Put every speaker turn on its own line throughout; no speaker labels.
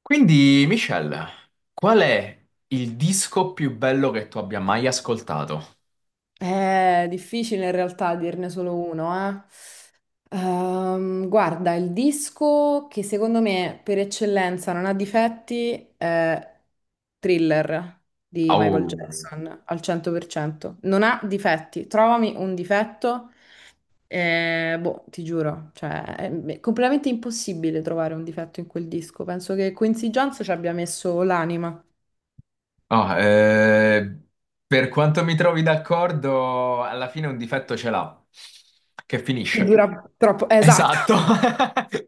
Quindi, Michelle, qual è il disco più bello che tu abbia mai ascoltato?
È difficile in realtà dirne solo uno, eh. Guarda, il disco che secondo me per eccellenza non ha difetti è Thriller di Michael
Au.
Jackson al 100%. Non ha difetti. Trovami un difetto, boh, ti giuro, cioè, è completamente impossibile trovare un difetto in quel disco. Penso che Quincy Jones ci abbia messo l'anima.
Ah, eh, per quanto mi trovi d'accordo, alla fine un difetto ce l'ha, che
Che
finisce.
dura troppo. Esatto,
Esatto.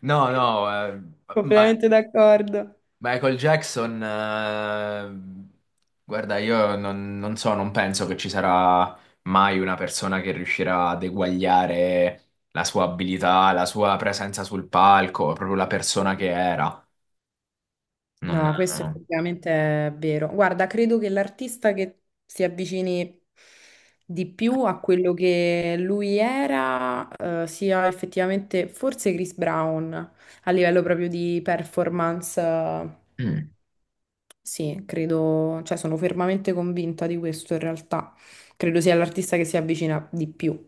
No, no, ma
completamente d'accordo.
Michael Jackson, guarda, io non so, non penso che ci sarà mai una persona che riuscirà ad eguagliare la sua abilità, la sua presenza sul palco, proprio la persona che era. Non...
No, questo effettivamente è vero. Guarda, credo che l'artista che si avvicini di più a quello che lui era, sia effettivamente forse Chris Brown a livello proprio di performance.
Mm.
Sì, credo, cioè sono fermamente convinta di questo in realtà. Credo sia l'artista che si avvicina di più.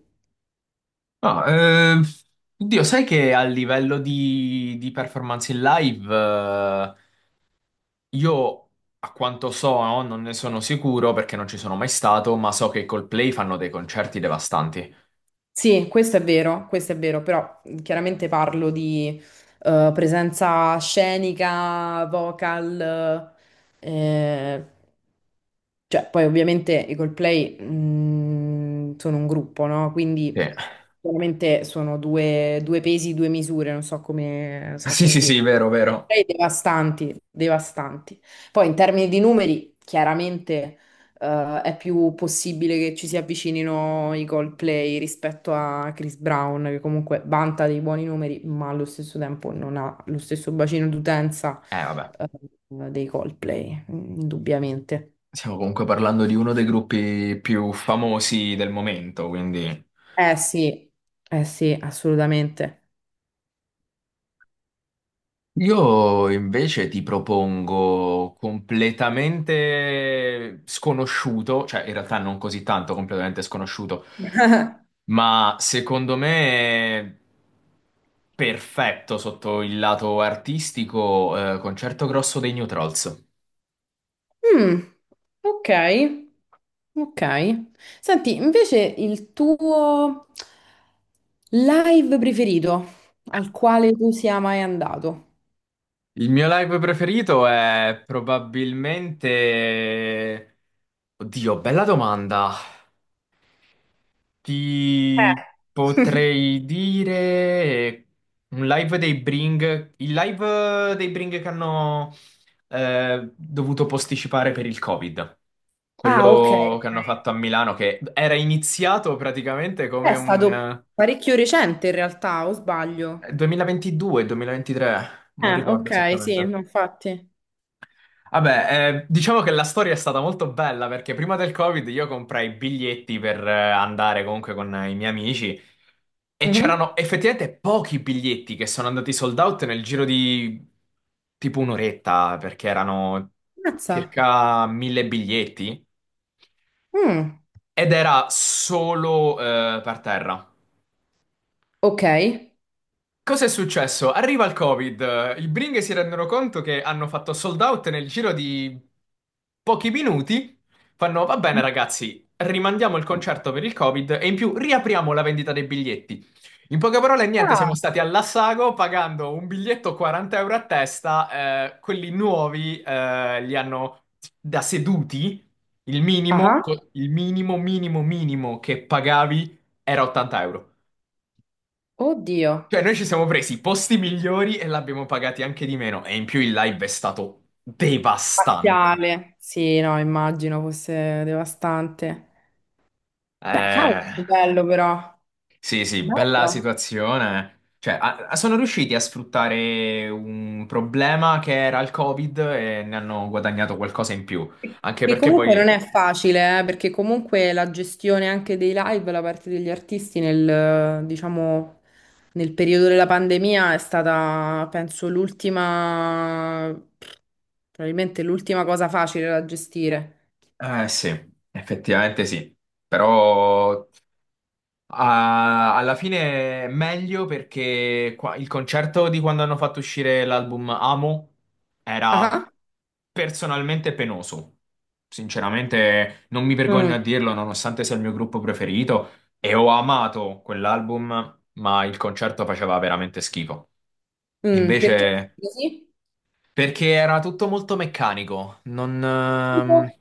No, oddio, sai che a livello di performance in live, io a quanto so, no, non ne sono sicuro perché non ci sono mai stato, ma so che i Coldplay fanno dei concerti devastanti.
Sì, questo è vero, però chiaramente parlo di presenza scenica, vocal, eh, cioè poi ovviamente i Coldplay sono un gruppo, no?
Sì.
Quindi chiaramente sono due pesi, due misure, non so come, so
Sì,
come
sì,
dire.
sì, vero, vero.
Coldplay devastanti, devastanti. Poi in termini di numeri, chiaramente è più possibile che ci si avvicinino i Coldplay rispetto a Chris Brown, che comunque vanta dei buoni numeri, ma allo stesso tempo non ha lo stesso bacino d'utenza,
Vabbè.
eh, dei Coldplay, indubbiamente.
Stiamo comunque parlando di uno dei gruppi più famosi del momento, quindi...
Eh sì, eh sì, assolutamente.
Io invece ti propongo completamente sconosciuto, cioè in realtà non così tanto completamente sconosciuto, ma secondo me perfetto sotto il lato artistico, Concerto Grosso dei New Trolls.
Mm, ok, ok. Senti, invece il tuo live preferito al quale tu sia mai andato?
Il mio live preferito è probabilmente... Oddio, bella domanda. Ti
Eh.
potrei dire un live dei Bring, il live dei Bring che hanno dovuto posticipare per il Covid.
Ah, ok,
Quello che hanno
ok.
fatto a Milano, che era iniziato praticamente
È
come
stato
un
parecchio recente in realtà, o sbaglio?
2022-2023, non ricordo
Ok, sì, no,
esattamente.
infatti.
Vabbè, diciamo che la storia è stata molto bella perché prima del Covid io comprai i biglietti per andare comunque con i miei amici e
Mhm.
c'erano effettivamente pochi biglietti che sono andati sold out nel giro di tipo un'oretta perché erano
Mazza.
circa 1000 biglietti
Mm,
ed era solo per terra.
ok.
Cosa è successo? Arriva il Covid, i Bring si rendono conto che hanno fatto sold out nel giro di pochi minuti, fanno va bene ragazzi, rimandiamo il concerto per il Covid e in più riapriamo la vendita dei biglietti. In poche parole, niente, siamo
Ah,
stati all'assago pagando un biglietto 40€ a testa, quelli nuovi li hanno da seduti, il minimo,
ah,
il minimo, minimo che pagavi era 80€.
oddio.
Cioè, noi ci siamo presi i posti migliori e l'abbiamo pagati anche di meno. E in più il live è stato devastante.
Spaziale. Sì, no, immagino fosse devastante. Beh, cavolo, che
Eh,
bello però.
sì, sì, bella
Bello.
situazione. Cioè, sono riusciti a sfruttare un problema che era il Covid e ne hanno guadagnato qualcosa in più. Anche
Che
perché
comunque non
poi...
è facile, perché comunque la gestione anche dei live da parte degli artisti nel, diciamo, nel periodo della pandemia è stata, penso, l'ultima, probabilmente l'ultima cosa facile da gestire.
Eh sì, effettivamente sì. Però ah, alla fine è meglio perché il concerto di quando hanno fatto uscire l'album Amo era
Ah,
personalmente penoso. Sinceramente, non mi vergogno
mm,
a dirlo, nonostante sia il mio gruppo preferito, e ho amato quell'album, ma il concerto faceva veramente schifo.
perché
Invece,
così?
perché era tutto molto meccanico,
Tipo?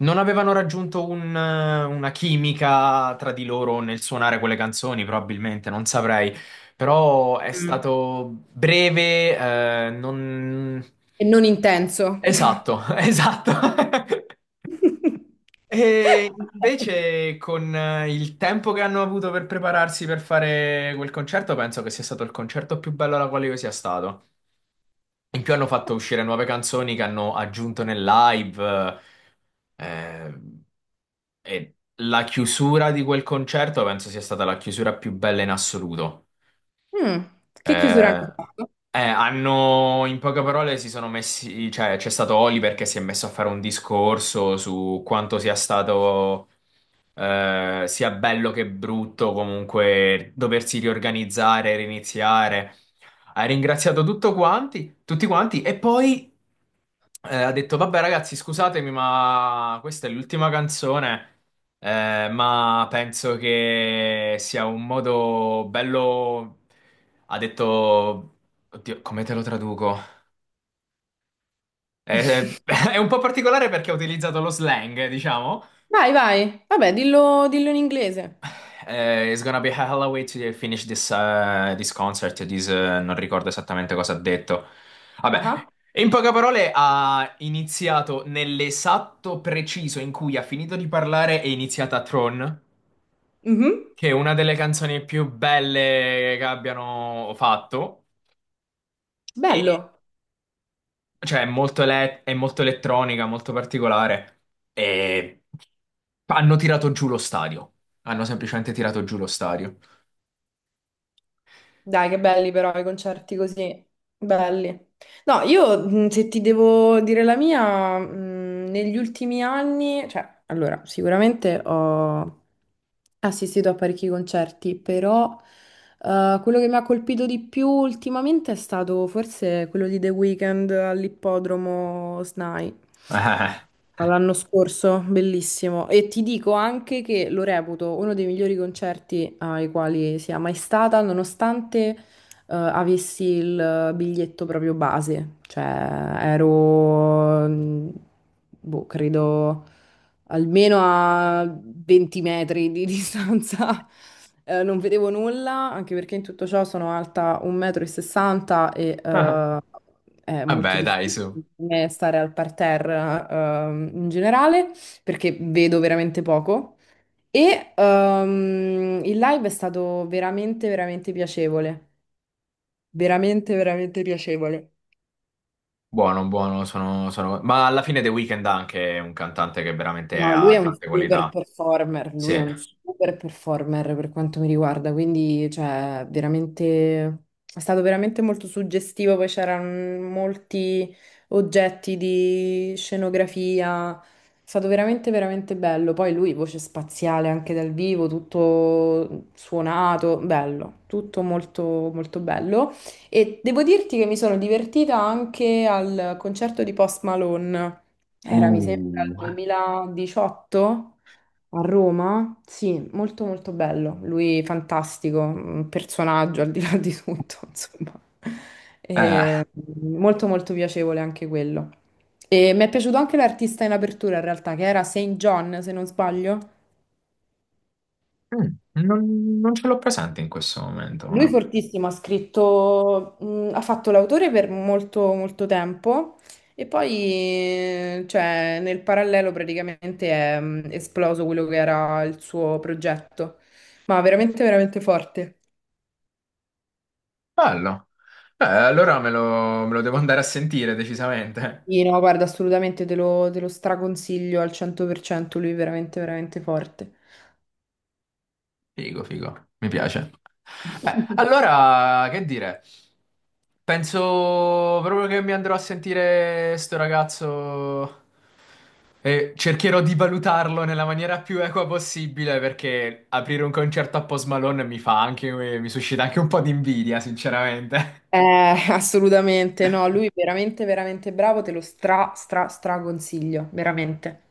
non avevano raggiunto una chimica tra di loro nel suonare quelle canzoni, probabilmente, non saprei. Però è
Mm.
stato breve, non...
E non intenso.
Esatto, esatto. E invece con il tempo che hanno avuto per prepararsi per fare quel concerto, penso che sia stato il concerto più bello alla quale io sia stato. In più hanno fatto uscire nuove canzoni che hanno aggiunto nel live. eh, e la chiusura di quel concerto penso sia stata la chiusura più bella in assoluto.
Mm. Che chiusura hanno
Eh,
fatto?
Hanno, in poche parole, si sono messi, cioè c'è stato Oliver che si è messo a fare un discorso su quanto sia stato sia bello che brutto, comunque doversi riorganizzare, riniziare. Ha ringraziato tutto quanti, tutti quanti e poi ha detto: Vabbè, ragazzi, scusatemi, ma questa è l'ultima canzone. Ma penso che sia un modo bello. Ha detto. Oddio, come te lo traduco? Eh, è un po' particolare perché ha utilizzato lo slang, diciamo.
Vai, vai. Vabbè, dillo in inglese.
It's gonna be a hell of a way to finish this, this concert. This, non ricordo esattamente cosa ha detto. Vabbè,
Ah, ah.
in poche parole ha iniziato nell'esatto preciso in cui ha finito di parlare è iniziata Tron,
Mhm.
che è una delle canzoni più belle che abbiano fatto.
Bello.
E, cioè, è molto, è molto elettronica, molto particolare. E hanno tirato giù lo stadio. Hanno semplicemente tirato giù lo stadio.
Dai, che belli però i concerti così. Belli. No, io se ti devo dire la mia, negli ultimi anni, cioè, allora, sicuramente ho assistito a parecchi concerti, però quello che mi ha colpito di più ultimamente è stato forse quello di The Weeknd all'ippodromo SNAI. L'anno scorso, bellissimo. E ti dico anche che lo reputo uno dei migliori concerti ai quali sia mai stata, nonostante avessi il biglietto proprio base, cioè ero, boh, credo almeno a 20 metri di distanza. Non vedevo nulla, anche perché in tutto ciò sono alta 1,60 m e sessanta e è molto
Vabbè, dai,
difficile
su.
per me stare al parterre in generale perché vedo veramente poco. E il live è stato veramente, veramente piacevole veramente, veramente piacevole.
Buono, buono, ma alla fine The Weeknd ha anche è un cantante che veramente
No, lui è
ha
un
tante
super
qualità.
performer,
Sì.
lui è un super performer per quanto mi riguarda, quindi cioè, veramente, è stato veramente molto suggestivo, poi c'erano molti oggetti di scenografia, è stato veramente, veramente bello, poi lui voce spaziale anche dal vivo, tutto suonato, bello, tutto molto, molto bello e devo dirti che mi sono divertita anche al concerto di Post Malone. Era, mi sembra,
Uh.
il 2018 a Roma. Sì, molto molto bello. Lui fantastico, un personaggio al di là di tutto, insomma.
Eh,
E, molto molto piacevole anche quello. E mi è piaciuto anche l'artista in apertura, in realtà, che era Saint John, se non sbaglio.
mm, non, non ce l'ho presente in questo momento,
Lui
ma
fortissimo, ha scritto, ha fatto l'autore per molto, molto tempo e poi, cioè, nel parallelo praticamente è esploso quello che era il suo progetto. Ma veramente, veramente forte.
bello. Allora me lo devo andare a sentire decisamente.
Sì, no, guarda, assolutamente te lo straconsiglio al 100%, lui è veramente, veramente forte.
Figo, figo, mi piace. Beh, allora, che dire? Penso proprio che mi andrò a sentire sto ragazzo e cercherò di valutarlo nella maniera più equa possibile perché aprire un concerto a Post Malone mi fa anche, mi suscita anche un po' di invidia, sinceramente.
Assolutamente, no, lui veramente, veramente bravo, te lo stra, stra, stra consiglio, veramente.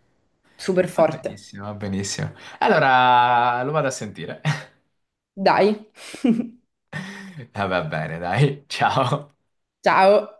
Super
Va
forte.
benissimo, va benissimo. Allora, lo vado a sentire.
Dai.
Va bene, dai, ciao.
Ciao.